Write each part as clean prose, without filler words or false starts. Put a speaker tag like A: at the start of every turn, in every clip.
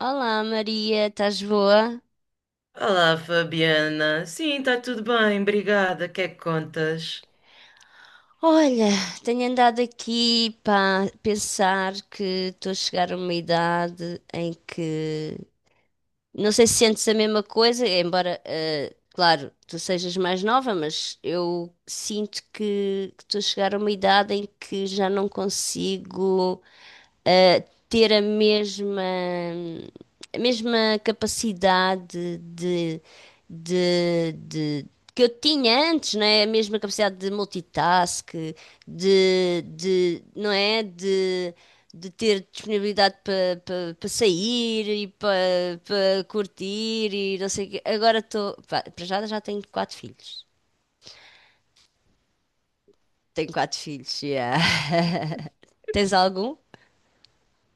A: Olá Maria, estás boa?
B: Olá, Fabiana. Sim, está tudo bem, obrigada. O que é que contas?
A: Olha, tenho andado aqui para pensar que estou a chegar a uma idade em que não sei se sentes a mesma coisa, embora, claro, tu sejas mais nova, mas eu sinto que estou a chegar a uma idade em que já não consigo, eh, ter a mesma capacidade de que eu tinha antes, não é? A mesma capacidade de multitask, de não é? De ter disponibilidade para pa, pa- pa sair e para pa curtir e não sei o quê. Agora estou. Para já, já tenho quatro filhos. Tenho quatro filhos, yeah. Tens algum?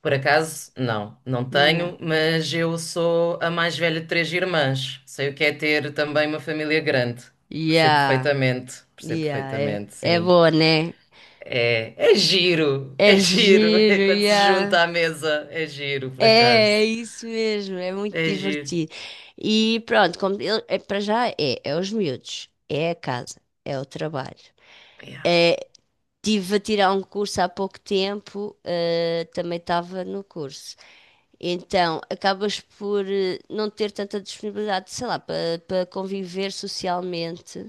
B: Por acaso, não, não tenho,
A: Não.
B: mas eu sou a mais velha de três irmãs. Sei o que é ter também uma família grande.
A: Yeah,
B: Percebo
A: yeah, é,
B: perfeitamente,
A: é
B: sim.
A: boa, né?
B: É giro,
A: É
B: é giro. É
A: giro,
B: quando se junta
A: yeah.
B: à mesa, é giro,
A: É,
B: por
A: é
B: acaso.
A: isso mesmo, é muito
B: É giro.
A: divertido. E pronto, é, para já é os miúdos, é a casa, é o trabalho.
B: Yeah.
A: Tive a tirar um curso há pouco tempo, também estava no curso. Então, acabas por não ter tanta disponibilidade, sei lá, para conviver socialmente.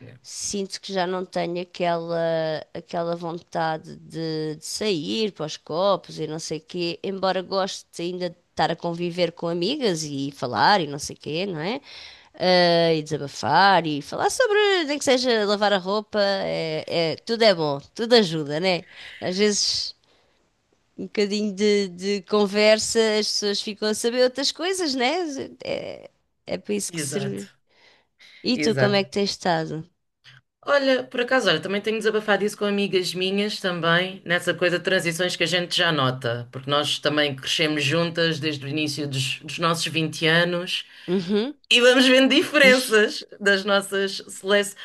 B: Yeah.
A: Sinto que já não tenho aquela vontade de sair para os copos e não sei o quê, embora goste ainda de estar a conviver com amigas e falar e não sei o quê, não é? Ah, e desabafar e falar sobre, nem que seja lavar a roupa, tudo é bom, tudo ajuda, né? Às vezes um bocadinho de conversa, as pessoas ficam a saber outras coisas, né? É, é para isso que
B: Exato,
A: serve. E tu, como
B: exato.
A: é que tens estado?
B: Olha, por acaso, olha, também tenho desabafado isso com amigas minhas também, nessa coisa de transições que a gente já nota, porque nós também crescemos juntas desde o início dos nossos 20 anos
A: Uhum.
B: e vamos vendo diferenças das nossas seleções.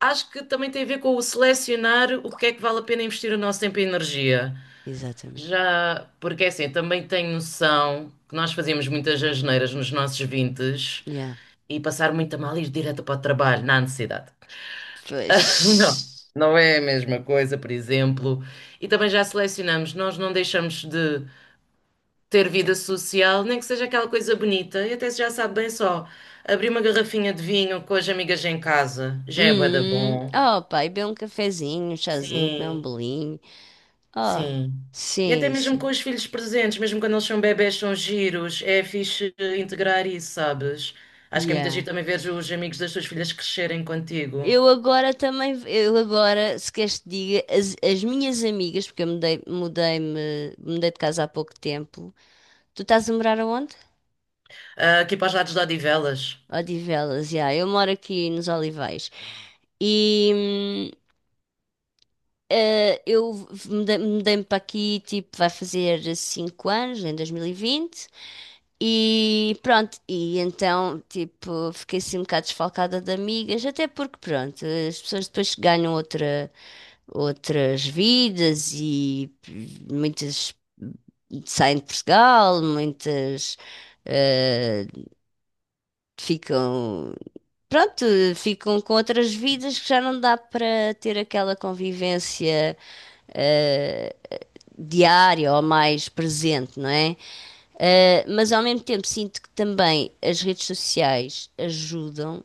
B: Acho que também tem a ver com o selecionar o que é que vale a pena investir o nosso tempo e energia.
A: Exatamente.
B: Já, porque é assim, também tenho noção que nós fazíamos muitas asneiras nos nossos 20
A: Yeah.
B: e passar muito a mal e ir direto para o trabalho, na ansiedade. Não,
A: Pois.
B: não é a mesma coisa, por exemplo. E também já selecionamos, nós não deixamos de ter vida social, nem que seja aquela coisa bonita. E até se já sabe bem só, abrir uma garrafinha de vinho com as amigas em casa já é bué da
A: Hum.
B: bom.
A: Oh, pá, e beber um cafezinho, um chazinho, comer um
B: Sim,
A: bolinho. Oh,
B: sim. E até
A: sim,
B: mesmo com
A: sim.
B: os filhos presentes, mesmo quando eles são bebés, são giros, é fixe integrar isso, sabes? Acho que é muito giro
A: Yeah.
B: também ver os amigos das tuas filhas crescerem contigo.
A: Eu agora também, eu agora, se queres que diga, as minhas amigas, porque eu mudei, mudei-me, mudei de casa há pouco tempo. Tu estás a morar aonde?
B: Ah, aqui para os lados de Odivelas.
A: Odivelas, já. Eu moro aqui nos Olivais. E eu mudei-me para aqui, tipo, vai fazer 5 anos, em 2020. E pronto, e então, tipo, fiquei assim um bocado desfalcada de amigas, até porque, pronto, as pessoas depois ganham outra, outras vidas e muitas saem de Portugal, muitas eh, ficam, pronto, ficam com outras vidas que já não dá para ter aquela convivência eh, diária ou mais presente, não é? Mas ao mesmo tempo sinto que também as redes sociais ajudam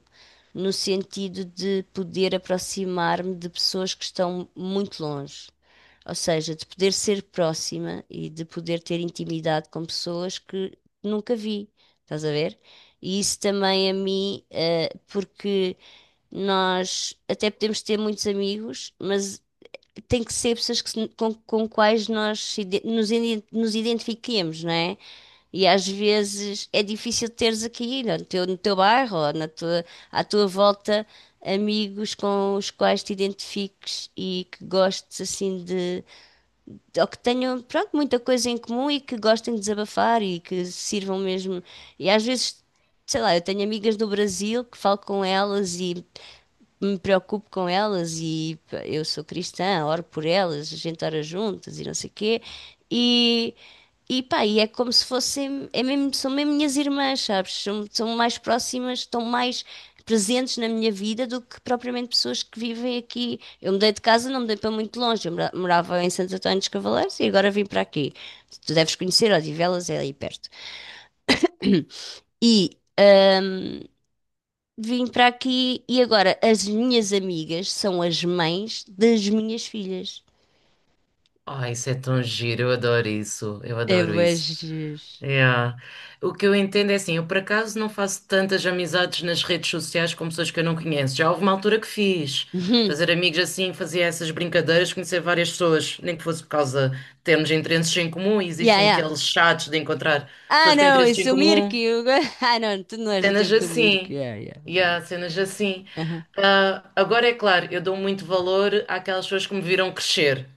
A: no sentido de poder aproximar-me de pessoas que estão muito longe. Ou seja, de poder ser próxima e de poder ter intimidade com pessoas que nunca vi. Estás a ver? E isso também a mim, porque nós até podemos ter muitos amigos, mas tem que ser pessoas que se- com quais nós se ide- nos, iden- nos identifiquemos, não é? E às vezes é difícil teres aqui no teu bairro ou na tua, à tua volta amigos com os quais te identifiques e que gostes assim ou que tenham, pronto, muita coisa em comum e que gostem de desabafar e que sirvam mesmo. E às vezes, sei lá, eu tenho amigas do Brasil que falo com elas e me preocupo com elas e pá, eu sou cristã, oro por elas, a gente ora juntas e não sei o quê. E, e pá, e é como se fossem, é mesmo, são mesmo minhas irmãs, sabes? São, são mais próximas, estão mais presentes na minha vida do que propriamente pessoas que vivem aqui. Eu mudei de casa, não mudei para muito longe, eu morava em Santo António dos Cavaleiros e agora vim para aqui. Tu deves conhecer, Odivelas é aí perto. E vim para aqui e agora as minhas amigas são as mães das minhas filhas.
B: Ai, isso é tão giro, eu adoro isso, eu
A: É
B: adoro
A: bué
B: isso.
A: Jesus.
B: Yeah. O que eu entendo é assim, eu por acaso não faço tantas amizades nas redes sociais com pessoas que eu não conheço. Já houve uma altura que fiz,
A: Uhum.
B: fazer amigos assim, fazia essas brincadeiras, conhecer várias pessoas, nem que fosse por causa de termos interesses em comum, e
A: Yeah,
B: existem
A: yeah.
B: aqueles chats de encontrar
A: Ah,
B: pessoas com
A: não,
B: interesses em
A: esse é o Mirko.
B: comum.
A: Ah, não, tu não és do
B: Cenas
A: tempo do Mirko.
B: assim.
A: Yeah, yeah. Não,
B: Yeah, cenas assim.
A: não. Aham.
B: Ah, agora é claro, eu dou muito valor àquelas pessoas que me viram crescer.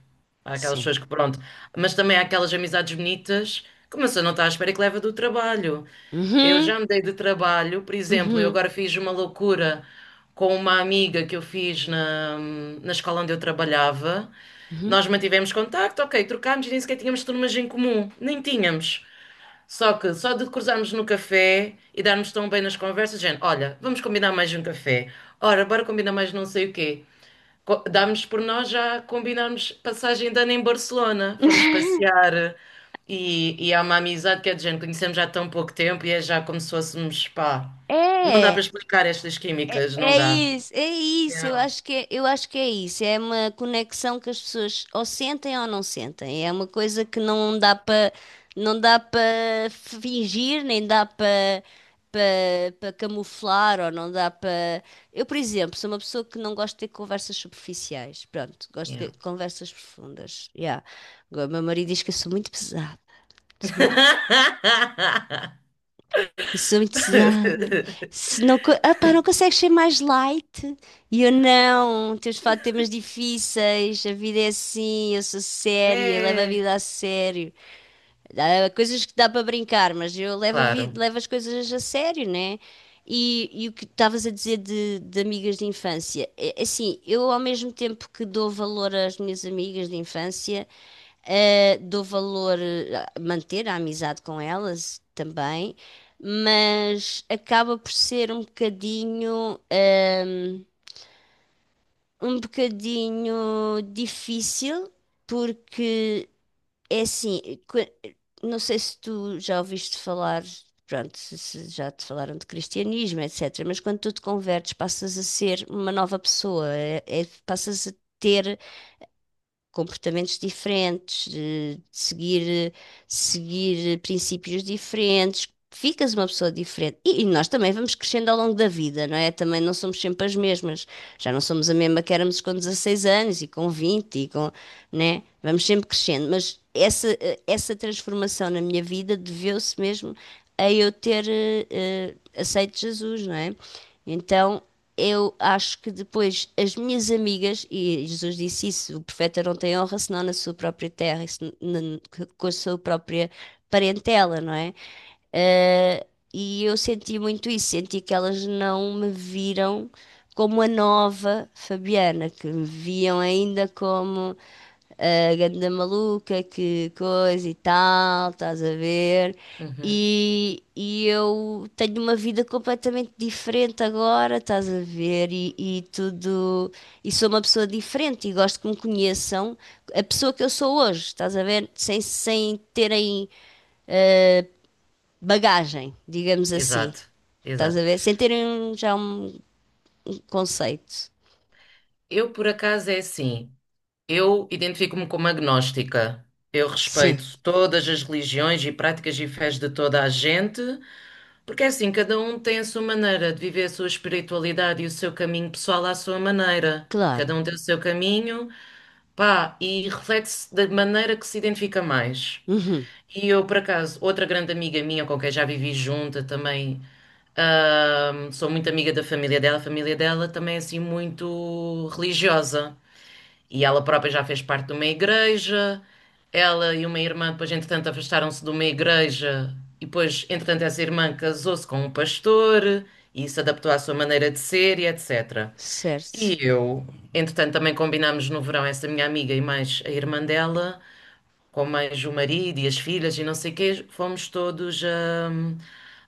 B: Àquelas
A: Sim.
B: pessoas que, pronto. Mas também àquelas amizades bonitas que uma pessoa não está à espera que leva do trabalho. Eu
A: Uhum.
B: já me dei de trabalho, por exemplo, eu
A: Uhum.
B: agora fiz uma loucura com uma amiga que eu fiz na escola onde eu trabalhava.
A: Uhum.
B: Nós mantivemos contacto, ok, trocámos e nem sequer tínhamos turmas em comum. Nem tínhamos. Só que só de cruzarmos no café e darmos tão bem nas conversas, gente, olha, vamos combinar mais um café. Ora, bora combinar mais não sei o quê. Damos por nós já combinarmos passagem de ano em Barcelona. Vamos passear e há uma amizade que é de gente, conhecemos já há tão pouco tempo e é já como se fôssemos, pá. Não dá para
A: É,
B: explicar estas
A: É
B: químicas, não
A: é
B: dá.
A: isso, é isso,
B: Yeah.
A: eu acho que é, eu acho que é isso. É uma conexão que as pessoas ou sentem ou não sentem. É uma coisa que não dá para fingir, nem dá para camuflar ou não dá para. Eu, por exemplo, sou uma pessoa que não gosto de ter conversas superficiais. Pronto, gosto
B: Yeah.
A: de conversas profundas. Yeah. Agora, o meu marido diz que eu sou muito pesada. Sou muito pesada. Se não, ah, pá, não consegues ser mais light? E eu não, temos de falar de temas difíceis, a vida é assim, eu sou séria, levo a
B: É,
A: vida a sério. Há coisas que dá para brincar, mas eu levo, a vida,
B: claro.
A: levo as coisas a sério, né? E o que estavas a dizer de amigas de infância? É, assim, eu ao mesmo tempo que dou valor às minhas amigas de infância. Dou valor a manter a amizade com elas também, mas acaba por ser um bocadinho, um bocadinho difícil, porque é assim, que- não sei se tu já ouviste falar, pronto, se já te falaram de cristianismo, etc., mas quando tu te convertes, passas a ser uma nova pessoa, passas a ter comportamentos diferentes, de seguir, seguir princípios diferentes, ficas uma pessoa diferente. E nós também vamos crescendo ao longo da vida, não é? Também não somos sempre as mesmas. Já não somos a mesma que éramos com 16 anos e com 20 e com, né? Vamos sempre crescendo, mas essa transformação na minha vida deveu-se mesmo a eu ter aceito Jesus, não é? Então, eu acho que depois as minhas amigas, e Jesus disse isso, o profeta não tem honra senão na sua própria terra, e com a sua própria parentela, não é? Eh, e eu senti muito isso, senti que elas não me viram como a nova Fabiana, que me viam ainda como a ganda maluca, que coisa e tal, estás a ver?
B: Uhum.
A: E eu tenho uma vida completamente diferente agora, estás a ver? E tudo. E sou uma pessoa diferente e gosto que me conheçam a pessoa que eu sou hoje, estás a ver? Sem terem bagagem, digamos assim.
B: Exato,
A: Estás a
B: exato.
A: ver? Sem terem já um conceito.
B: Eu, por acaso, é assim. Eu identifico-me como agnóstica. Eu
A: Sim,
B: respeito todas as religiões e práticas e fés de toda a gente, porque é assim, cada um tem a sua maneira de viver a sua espiritualidade e o seu caminho pessoal à sua maneira. Cada
A: claro.
B: um tem o seu caminho, pá, e reflete-se da maneira que se identifica mais.
A: Uhum,
B: E eu, por acaso, outra grande amiga minha com quem já vivi junta também, sou muito amiga da família dela, a família dela também é assim muito religiosa. E ela própria já fez parte de uma igreja. Ela e uma irmã, depois, entretanto, afastaram-se de uma igreja. E depois, entretanto, essa irmã casou-se com um pastor e se adaptou à sua maneira de ser e etc. E
A: certo.
B: eu, entretanto, também combinámos no verão, essa minha amiga e mais a irmã dela, com mais o marido e as filhas e não sei o quê, fomos todos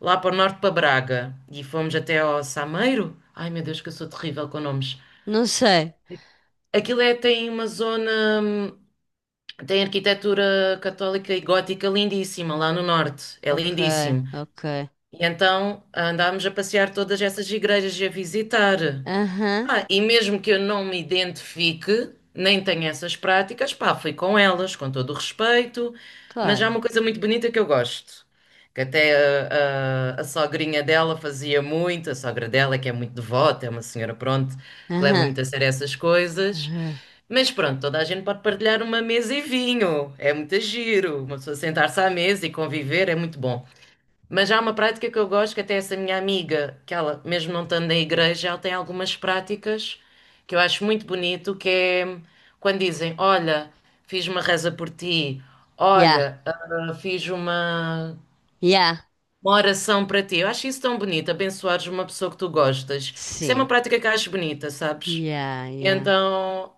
B: lá para o norte, para Braga. E fomos até ao Sameiro. Ai meu Deus, que eu sou terrível com nomes.
A: Não sei.
B: Aquilo é, tem uma zona. Tem arquitetura católica e gótica lindíssima lá no norte. É
A: Ok,
B: lindíssimo.
A: ok.
B: E então andámos a passear todas essas igrejas e a visitar.
A: Aham,
B: Ah, e mesmo que eu não me identifique, nem tenha essas práticas, pá, fui com elas, com todo o respeito, mas há
A: claro.
B: uma coisa muito bonita que eu gosto, que até a sogrinha dela fazia muito, a sogra dela, que é muito devota, é uma senhora, pronto, que leva
A: Aham,
B: muito a sério essas coisas.
A: aham.
B: Mas pronto, toda a gente pode partilhar uma mesa e vinho, é muito giro, uma pessoa sentar-se à mesa e conviver é muito bom. Mas há uma prática que eu gosto, que até essa minha amiga, que ela, mesmo não estando na igreja, ela tem algumas práticas que eu acho muito bonito, que é quando dizem, olha, fiz uma reza por ti,
A: Yeah,
B: olha, fiz uma,
A: yeah.
B: uma oração para ti. Eu acho isso tão bonito, abençoares uma pessoa que tu gostas. Isso é uma
A: Sim.
B: prática que eu acho bonita, sabes?
A: Yeah, yeah.
B: Então,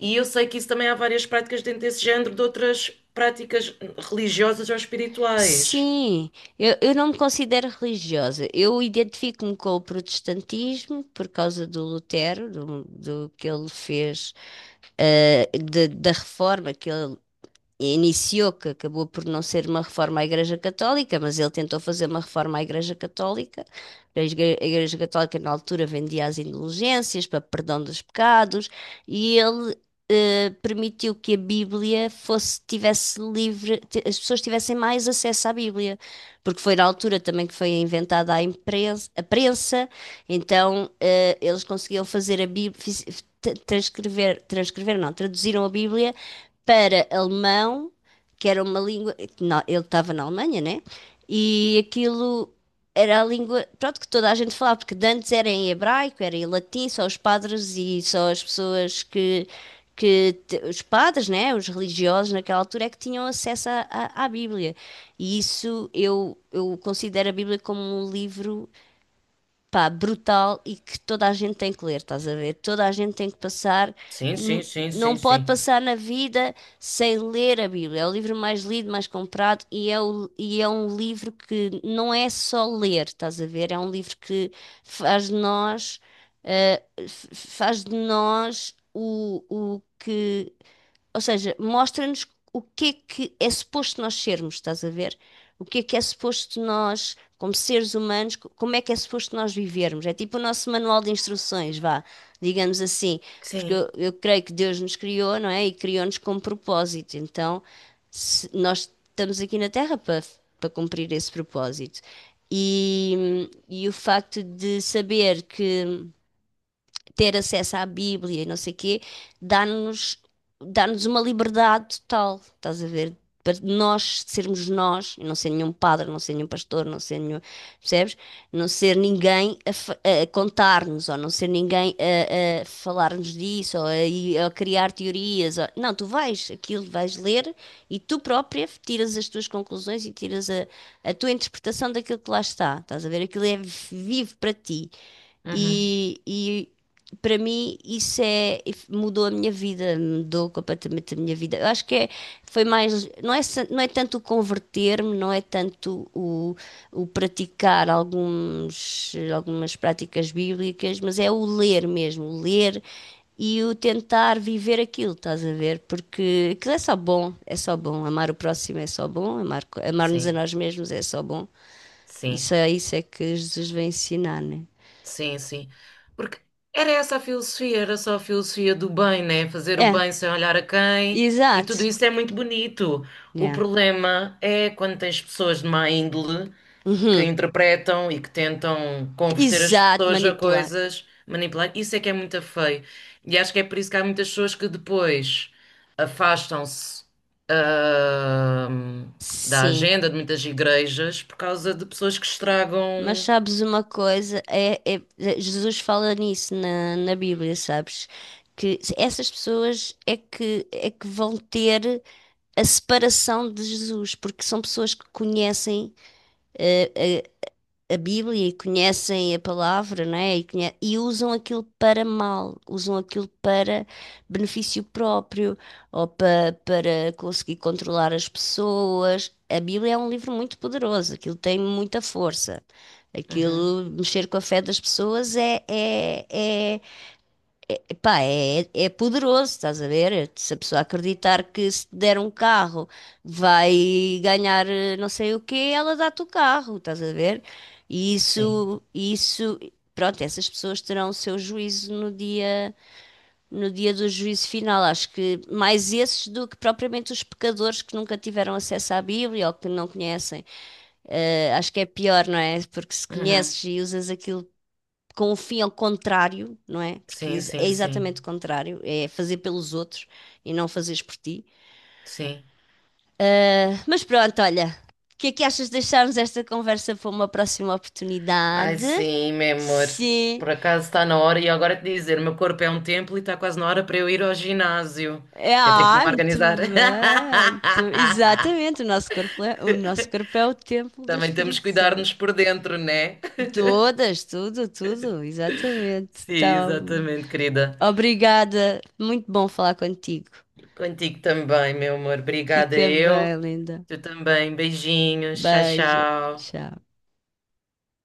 B: e eu sei que isso também há várias práticas dentro desse género, de outras práticas religiosas ou espirituais.
A: Sim, eu não me considero religiosa. Eu identifico-me com o protestantismo por causa do Lutero, do que ele fez, da reforma que ele iniciou, que acabou por não ser uma reforma à Igreja Católica, mas ele tentou fazer uma reforma à Igreja Católica. A Igreja Católica, na altura, vendia as indulgências para perdão dos pecados e ele permitiu que a Bíblia fosse, tivesse livre, as pessoas tivessem mais acesso à Bíblia, porque foi na altura também que foi inventada a imprensa, a prensa, então eles conseguiam fazer a Bíblia, transcrever, transcrever não, traduziram a Bíblia para alemão, que era uma língua. Ele estava na Alemanha, né? E aquilo era a língua, pronto, que toda a gente falava, porque de antes era em hebraico, era em latim, só os padres e só as pessoas que. Os padres, né, os religiosos naquela altura é que tinham acesso à Bíblia. E isso eu considero a Bíblia como um livro pá, brutal e que toda a gente tem que ler, estás a ver? Toda a gente tem que passar,
B: Sim, sim,
A: n-
B: sim,
A: não
B: sim,
A: pode
B: sim.
A: passar na vida sem ler a Bíblia. É o livro mais lido, mais comprado e é, e é um livro que não é só ler, estás a ver? É um livro que faz de nós, faz de nós o que ou seja, mostra-nos o que é suposto nós sermos, estás a ver? O que é suposto nós, como seres humanos, como é que é suposto nós vivermos? É tipo o nosso manual de instruções, vá, digamos assim. Porque
B: Sim,
A: eu creio que Deus nos criou, não é? E criou-nos com propósito. Então, nós estamos aqui na Terra para cumprir esse propósito. E o facto de saber que ter acesso à Bíblia e não sei o quê, dá-nos dá-nos uma liberdade total, estás a ver? Para nós sermos nós, e não ser nenhum padre, não ser nenhum pastor, não ser nenhum, percebes? Não ser ninguém a contar-nos, ou não ser ninguém a falar-nos disso, ou a criar teorias. Não, tu vais, aquilo vais ler e tu própria tiras as tuas conclusões e tiras a tua interpretação daquilo que lá está. Estás a ver? Aquilo é vivo para ti.
B: uhum,
A: E para mim isso é mudou a minha vida, mudou completamente a minha vida. Eu acho que é, foi mais não é tanto o converter-me, não é tanto o praticar alguns algumas práticas bíblicas, mas é o ler mesmo, o ler e o tentar viver aquilo, estás a ver? Porque aquilo é só bom, é só bom. Amar o próximo é só bom, amar, amar-nos a
B: sim,
A: nós mesmos é só bom.
B: sim,
A: Isso é que Jesus vem ensinar, né?
B: sim, sim. Porque era essa a filosofia, era só a filosofia do bem, né? Fazer o
A: É,
B: bem sem olhar a quem, e tudo
A: exato.
B: isso é muito bonito. O
A: Yeah.
B: problema é quando tens pessoas de má índole que
A: Uhum.
B: interpretam e que tentam converter as
A: Exato,
B: pessoas a
A: manipular.
B: coisas, manipular. Isso é que é muito feio. E acho que é por isso que há muitas pessoas que depois afastam-se, ahm, da
A: Sim.
B: agenda de muitas igrejas por causa de pessoas que
A: Mas
B: estragam.
A: sabes uma coisa? Jesus fala nisso na Bíblia, sabes? Que essas pessoas é que vão ter a separação de Jesus, porque são pessoas que conhecem eh, a Bíblia e conhecem a palavra, não é? E usam aquilo para mal, usam aquilo para benefício próprio ou para conseguir controlar as pessoas. A Bíblia é um livro muito poderoso, aquilo tem muita força.
B: Uhum,
A: Aquilo, mexer com a fé das pessoas éé Epá, é poderoso, estás a ver? Se a pessoa acreditar que se te der um carro vai ganhar não sei o quê, ela dá-te o carro, estás a ver? E
B: sim.
A: isso, pronto, essas pessoas terão o seu juízo no dia, no dia do juízo final. Acho que mais esses do que propriamente os pecadores que nunca tiveram acesso à Bíblia ou que não conhecem. Acho que é pior, não é? Porque se
B: Uhum,
A: conheces e usas aquilo com o fim ao contrário, não é? Porque
B: sim,
A: é
B: sim, sim.
A: exatamente o contrário, é fazer pelos outros e não fazeres por ti.
B: Sim.
A: Mas pronto, olha, o que é que achas de deixarmos esta conversa para uma próxima
B: Ai,
A: oportunidade?
B: sim, meu amor.
A: Sim.
B: Por acaso está na hora, e agora te dizer, o meu corpo é um templo e está quase na hora para eu ir ao ginásio.
A: É,
B: Que eu tenho que me
A: ah, muito
B: organizar.
A: bem. Muito- Exatamente, o nosso corpo é, o nosso corpo é o templo do
B: Também temos que
A: Espírito
B: cuidar-nos
A: Santo.
B: por dentro, né?
A: Todas, tudo, tudo, exatamente.
B: Sim,
A: Então,
B: exatamente, querida.
A: obrigada. Muito bom falar contigo.
B: Contigo também, meu amor. Obrigada
A: Fica
B: eu.
A: bem, linda.
B: Tu também. Beijinhos. Tchau,
A: Beijo.
B: tchau.
A: Tchau.